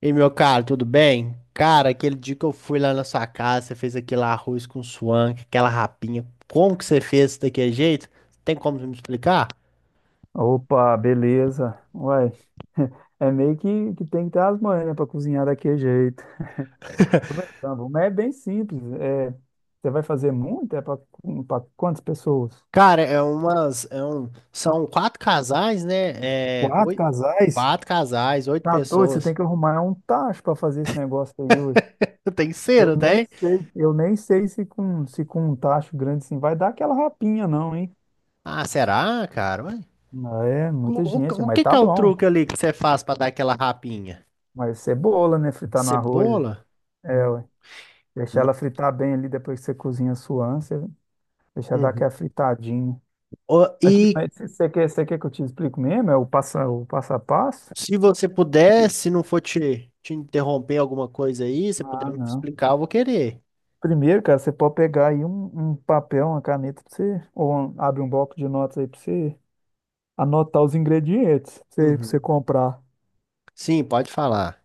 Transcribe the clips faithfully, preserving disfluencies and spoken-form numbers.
E meu caro, tudo bem? Cara, aquele dia que eu fui lá na sua casa, você fez aquele arroz com suã, com aquela rapinha. Como que você fez isso daquele jeito? Tem como me explicar? Opa, beleza. Uai, é meio que, que tem que ter as manhas, né, para cozinhar daquele jeito. Tô brincando, mas é bem simples. É, você vai fazer muito? É para quantas pessoas? Cara, é umas, é um, são quatro casais, né? É, Quatro oito, casais? quatro casais, oito Tá doido, você pessoas. tem que arrumar um tacho para fazer esse negócio aí, ué. Tem Eu cera, não nem tem? sei, eu nem sei se com, se com um tacho grande assim vai dar aquela rapinha, não, hein? Ah, será, cara? Ué, Ah, é, O, muita gente, o, o mas que que tá é o bom. truque ali que você faz pra dar aquela rapinha? Mas cebola, né? Fritar no arroz. Cebola? É, Hum. ué. Deixar Não. ela fritar bem ali depois que você cozinha a sua ânsia. Deixa eu dar Uhum. aquela fritadinha. Ô, Aqui, E mas você você quer, você quer que eu te explique mesmo? É o passo, o passo a passo? Se você puder, se não for te, te interromper alguma coisa aí, você puder Ah, me não. explicar, eu vou querer. Primeiro, cara, você pode pegar aí um, um papel, uma caneta pra você, ou um- abre um bloco de notas aí pra você anotar os ingredientes pra você, pra você Uhum. comprar. Sim, pode falar.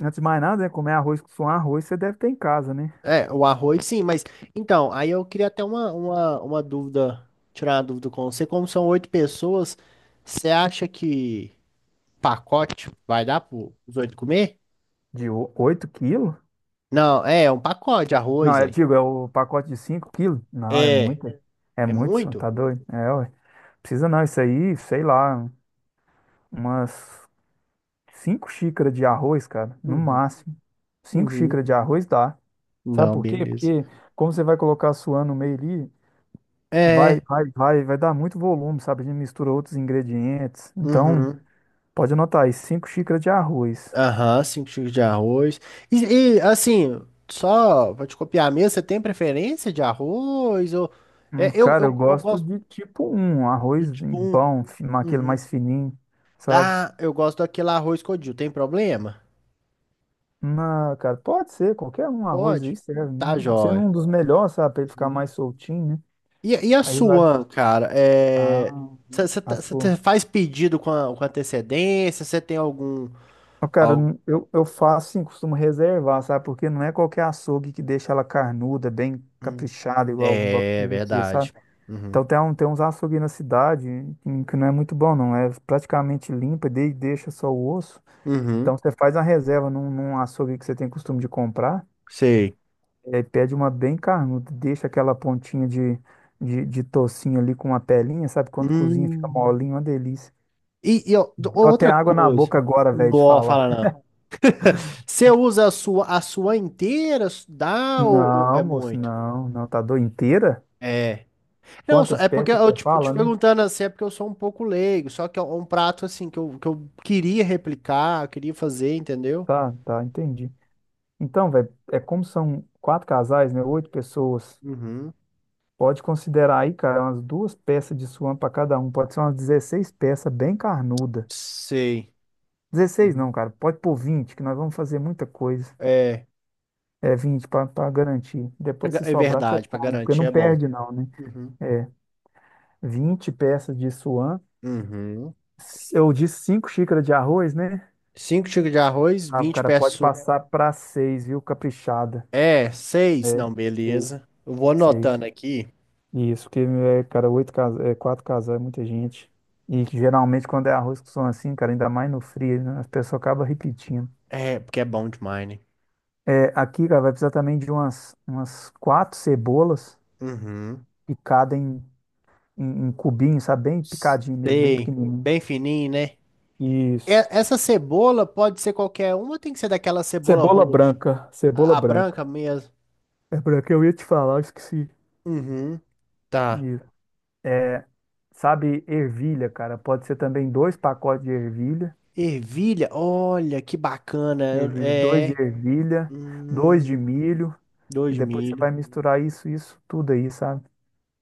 Antes de mais nada, né, comer arroz com arroz, você deve ter em casa, né? É, o arroz, sim, mas então, aí eu queria até uma, uma, uma dúvida, tirar uma dúvida com você. Como são oito pessoas, você acha que pacote vai dar para os oito comer? De o- oito quilos? Não, é, é um pacote de Não, arroz é, aí. digo, é o pacote de cinco quilos? Não, é É, muito. É é muito, senhor, muito? tá doido? É, ué. Precisa não, isso aí, sei lá, umas cinco xícaras de arroz, cara, no Uhum, máximo. Cinco uhum. xícaras de arroz dá. Sabe Não, por quê? beleza. Porque como você vai colocar a suã no meio ali, vai, É, vai, vai, vai dar muito volume, sabe? A gente mistura outros ingredientes. Então, uhum. pode anotar aí, cinco xícaras de arroz. Aham, cinco xícaras de arroz. E, e, assim, só pra te copiar mesmo, você tem preferência de arroz? Ou... É, Hum, eu, cara, eu eu, eu gosto gosto de tipo um um do arroz bem tipo um. bom, fi- aquele Uhum. mais fininho, sabe? Ah, eu gosto daquele arroz codil. Tem problema? Não, cara, pode ser, qualquer um arroz Pode? aí serve. Tá, Hum, Sendo jóia. um dos melhores, sabe? Pra ele ficar Uhum. mais soltinho, né? E, e a Aí vai. sua, cara? É... Ah, Você assou. faz pedido com, a- com antecedência? Você tem algum, Ó, cara, algum. n- eu, eu faço sim, costumo reservar, sabe? Porque não é qualquer açougue que deixa ela carnuda, bem caprichada, igual igual É precisa ser, sabe? verdade. Uhum. Então tem, um, tem uns açougues na cidade em que não é muito bom, não. É praticamente limpa, de, deixa só o osso. Então Uhum. você faz a reserva num, num açougue que você tem costume de comprar, Sei. é, pede uma bem carnuda, deixa aquela pontinha de, de, de tocinho ali com uma pelinha, sabe? Quando cozinha fica Hum. molinho, uma delícia. E, e ó, d- Deu até outra água na coisa. boca agora, velho, de Não, falar. fala não. Você usa a sua, a sua inteira? Dá ou, ou é Não, moço, muito? não, não, tá doido inteira? É. Não, só- Quantas é porque peças que eu você te, te fala, né? perguntando assim, é porque eu sou um pouco leigo. Só que é um prato assim que eu, que eu queria replicar, eu queria fazer, entendeu? Tá, tá, entendi. Então, velho, é como são quatro casais, né? Oito pessoas. Uhum. Pode considerar aí, cara, umas duas peças de suã para cada um. Pode ser umas dezesseis peças bem carnuda. Sei. Dezesseis, Uhum. não, cara, pode pôr vinte. Que nós vamos fazer muita coisa. É, É vinte para garantir. pra Depois, ga- se é sobrar, você verdade, pra come, porque garantir não é bom. perde, não, né? Uhum. É vinte peças de suã. Uhum. Eu disse cinco xícaras de arroz, né? Cinco xícaras de arroz, Ah, vinte cara, pode peças. passar pra seis, viu? Caprichada. É, seis. É, Não, seis. beleza. Eu vou Seis. anotando aqui. Isso, que, é, cara, oito casa, é, quatro casal é muita gente. E que geralmente quando é arroz com som assim, cara, ainda mais no frio, né? As pessoas acabam repetindo. É, porque é bom demais, né? É, aqui, cara, vai precisar também de umas, umas quatro cebolas Uhum. picadas em, em, em cubinho, sabe? Bem picadinho mesmo, bem Sei. pequenininho. Bem fininho, né? E- Isso. Essa cebola pode ser qualquer uma, ou tem que ser daquela cebola Cebola roxa. branca, cebola A, a branca. branca mesmo. É branca, eu ia te falar, eu esqueci. Uhum. Tá. Isso. É, sabe, ervilha, cara. Pode ser também dois pacotes de ervilha. Ervilha, olha que bacana. Eu- Ervilha, dois de É. ervilha, dois de Hum, milho. dois E de depois você milho. vai misturar isso, isso, tudo aí, sabe?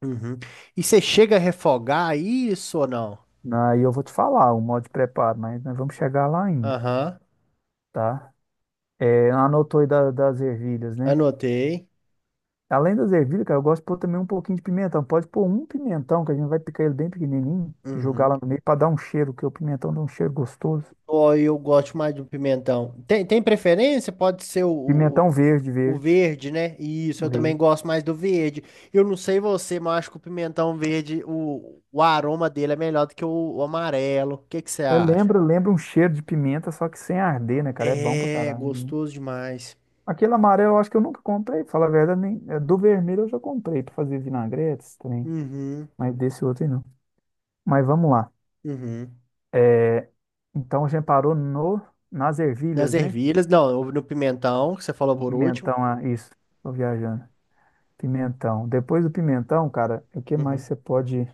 Uhum. E você chega a refogar isso ou não? Aí eu vou te falar o modo de preparo, mas nós vamos chegar lá ainda, Aham. tá? É, anotou aí da- das ervilhas, né? Anotei. Além das ervilhas, cara, eu gosto de pôr também um pouquinho de pimentão. Pode pôr um pimentão, que a gente vai picar ele bem pequenininho, jogar Uhum. lá no meio para dar um cheiro, que o pimentão dá um cheiro gostoso. Ou eu gosto mais de um pimentão. Tem, tem preferência? Pode ser o, o Pimentão verde, O verde, verde, né? Isso, eu também verde. gosto mais do verde. Eu não sei você, mas eu acho que o pimentão verde, o, o aroma dele é melhor do que o, o amarelo. O que que você É, acha? lembra, lembra um cheiro de pimenta, só que sem arder, né, cara? É bom pra É, caralho, né? gostoso demais. Aquele amarelo eu acho que eu nunca comprei, fala a verdade, nem, é, do vermelho eu já comprei pra fazer vinagretes também, Uhum, mas desse outro aí não. Mas vamos lá. uhum. É, então a gente parou no, nas Nas ervilhas, né? ervilhas, não, no pimentão, que você falou No por último. pimentão, ah, isso. Tô viajando. Pimentão. Depois do pimentão, cara, o que mais Uhum. você pode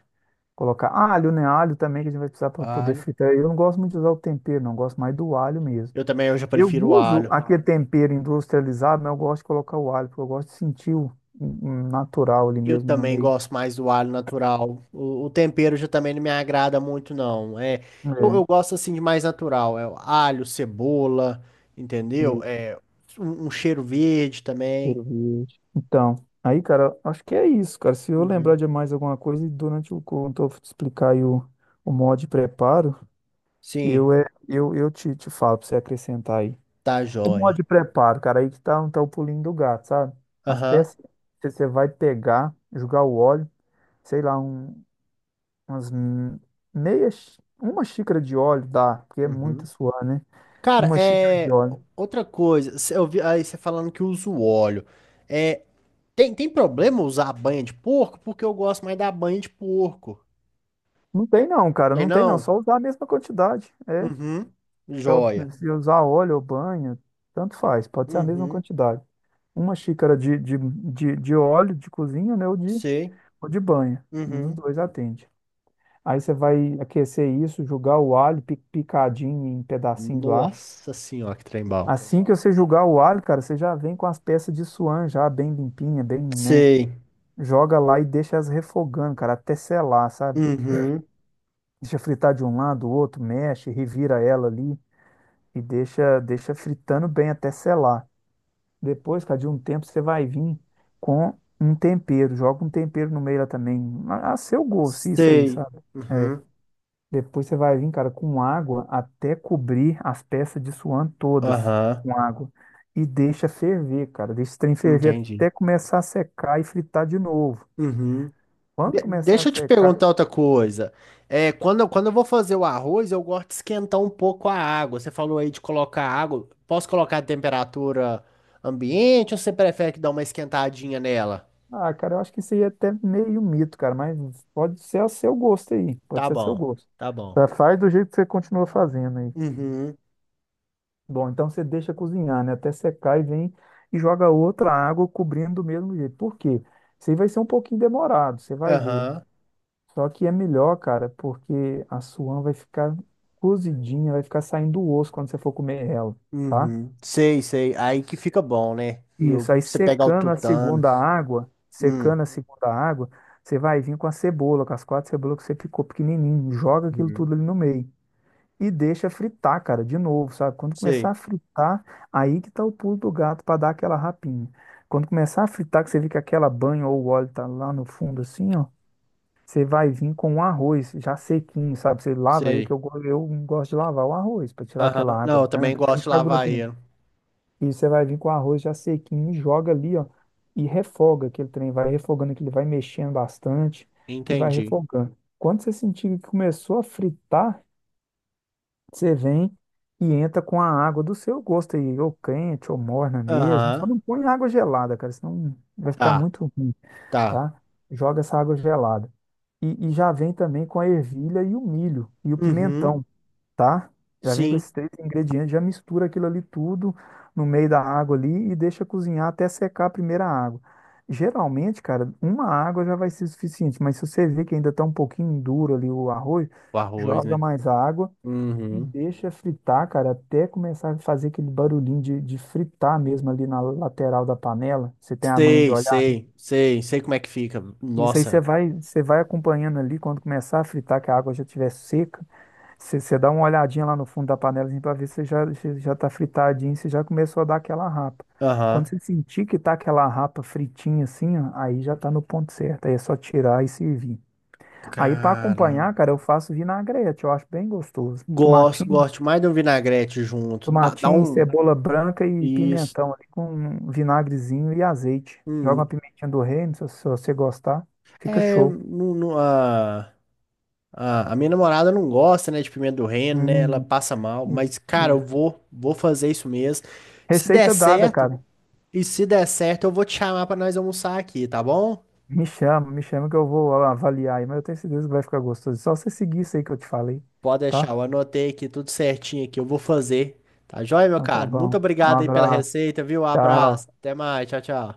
colocar? Alho, né? Alho também que a gente vai precisar para poder Alho. fritar. Eu não gosto muito de usar o tempero, não. Eu gosto mais do alho mesmo. Eu também, eu já Eu prefiro o uso alho. aquele tempero industrializado, mas eu gosto de colocar o alho, porque eu gosto de sentir o o natural ali Eu mesmo no também meio. gosto mais do alho natural. O, o tempero já também não me agrada muito, não. É, eu, É, eu gosto assim de mais natural. É o alho, cebola, entendeu? isso, É um, um cheiro verde também. cheiro verde. Então, aí, cara, acho que é isso, cara. Se eu lembrar Uhum. de mais alguma coisa, e durante o quando eu te explicar aí o, o modo de preparo, Sim, eu, é, eu, eu te, te falo pra você acrescentar aí. tá O modo joia. de preparo, cara, aí que tá, tá o pulinho do gato, sabe? As Aham. peças que você vai pegar, jogar o óleo, sei lá, um umas m- meia, xí- uma xícara de óleo dá, porque é Uhum. muito suor, né? Cara, Uma xícara de é óleo. outra coisa. Cê- Eu vi aí você falando que usa o óleo. É, tem, tem problema usar a banha de porco? Porque eu gosto mais da banha de porco. Não tem não, cara, Tem não tem não, não? só usar a mesma quantidade, é. Uhum. Então, Joia. se usar óleo ou banha, tanto faz, pode ser a mesma Uhum. quantidade. Uma xícara de, de, de, de óleo de cozinha, né, ou de, Sei. ou de banha, um dos Uhum. dois atende. Aí você vai aquecer isso, jogar o alho pi- picadinho em pedacinhos lá. Nossa senhora, que trem bom. Assim que você jogar o alho, cara, você já vem com as peças de suan já bem limpinha, bem, né? Sei. Joga lá e deixa elas refogando, cara, até selar, sabe? Uhum. Deixa fritar de um lado, do outro, mexe, revira ela ali e deixa, deixa fritando bem até selar. Depois, cara, de um tempo você vai vir com um tempero, joga um tempero no meio lá também, a a seu gosto, isso aí, Sei. sabe? Uhum. Depois você vai vir, cara, com água até cobrir as peças de suã todas Aham. com água e deixa ferver, cara, deixa o trem ferver Entendi. até começar a secar e fritar de novo. Uhum. Quando De- começar a deixa eu te secar. perguntar outra coisa. É, quando, eu- quando eu vou fazer o arroz, eu gosto de esquentar um pouco a água. Você falou aí de colocar água. Posso colocar a temperatura ambiente ou você prefere que dá uma esquentadinha nela? Ah, cara, eu acho que isso aí é até meio mito, cara, mas pode ser a seu gosto aí, pode Tá ser a seu bom. gosto. Tá bom. Tá, faz do jeito que você continua fazendo aí. Uhum. Bom, então você deixa cozinhar, né, até secar e vem e joga outra água cobrindo do mesmo jeito. Por quê? Isso aí vai ser um pouquinho demorado, você vai ver. Aham. Só que é melhor, cara, porque a suã vai ficar cozidinha, vai ficar saindo o osso quando você for comer ela, tá? Uhum. Sei, sei. Aí que fica bom, né? E eu- Isso, aí você pegar o secando a tutano. segunda água, Hum. secando a segunda água, você vai vir com a cebola, com as quatro cebolas que você picou pequenininho, joga aquilo Uhum. tudo ali no meio e deixa fritar, cara, de novo, sabe? Quando começar Sei, a fritar, aí que tá o pulo do gato para dar aquela rapinha. Quando começar a fritar, que você vê que aquela banha ou o óleo tá lá no fundo assim, ó, você vai vir com o arroz já sequinho, sabe? Você lava aí que sei. eu, go- eu gosto de lavar o arroz para tirar Aham. aquela água Não, eu também branca, para não gosto de ficar lavar grudento. ele. E você vai vir com o arroz já sequinho, joga ali, ó, e refoga aquele trem, vai refogando que ele vai mexendo bastante e vai Entendi. refogando. Quando você sentir que começou a fritar, você vem e entra com a água do seu gosto aí, ou quente, ou morna mesmo. Só Aham. não põe água gelada, cara, senão vai ficar Tá, muito ruim, tá. tá? Joga essa água gelada. E, e já vem também com a ervilha e o milho e o Uhum. pimentão, tá? Já vem com Sim. esses três ingredientes, já mistura aquilo ali tudo no meio da água ali e deixa cozinhar até secar a primeira água. Geralmente, cara, uma água já vai ser suficiente, mas se você vê que ainda tá um pouquinho duro ali o arroz, O arroz, joga né? mais água e Uhum. deixa fritar, cara, até começar a fazer aquele barulhinho de, de fritar mesmo ali na lateral da panela. Você tem a manha de Sei, olhar, né? sei, sei. Sei como é que fica. Isso aí você Nossa. vai, você vai acompanhando ali quando começar a fritar, que a água já estiver seca. Você dá uma olhadinha lá no fundo da panela assim, para ver se já, se já tá fritadinho, se já começou a dar aquela rapa. Quando Aham. você sentir que tá aquela rapa fritinha assim, ó, aí já tá no ponto certo. Aí é só tirar e servir. Aí para Cara. acompanhar, cara, eu faço vinagrete, eu acho bem gostoso. Gosto, Tomatinho, gosto mais de um vinagrete junto. Dá, dá tomatinho, um. cebola branca e Isso. pimentão ali com um vinagrezinho e azeite. Joga uma Hum. pimentinha do reino, se, se você gostar, fica É. show. Não, não, ah. A, a minha namorada não gosta, né, de pimenta do reino, né? Ela Hum, passa mal, e- mas, cara, eu e- vou, vou fazer isso mesmo. Se der Receita dada, certo, cara. e se der certo, eu vou te chamar pra nós almoçar aqui, tá bom? Me chama, me chama que eu vou avaliar aí, mas eu tenho certeza que vai ficar gostoso. Só você seguir isso aí que eu te falei, Pode deixar, tá? eu anotei aqui tudo certinho aqui, eu vou fazer. Tá joia, meu Então tá caro? Muito bom. Um obrigado aí pela abraço. receita, viu? Tchau. Abraço, até mais, tchau, tchau.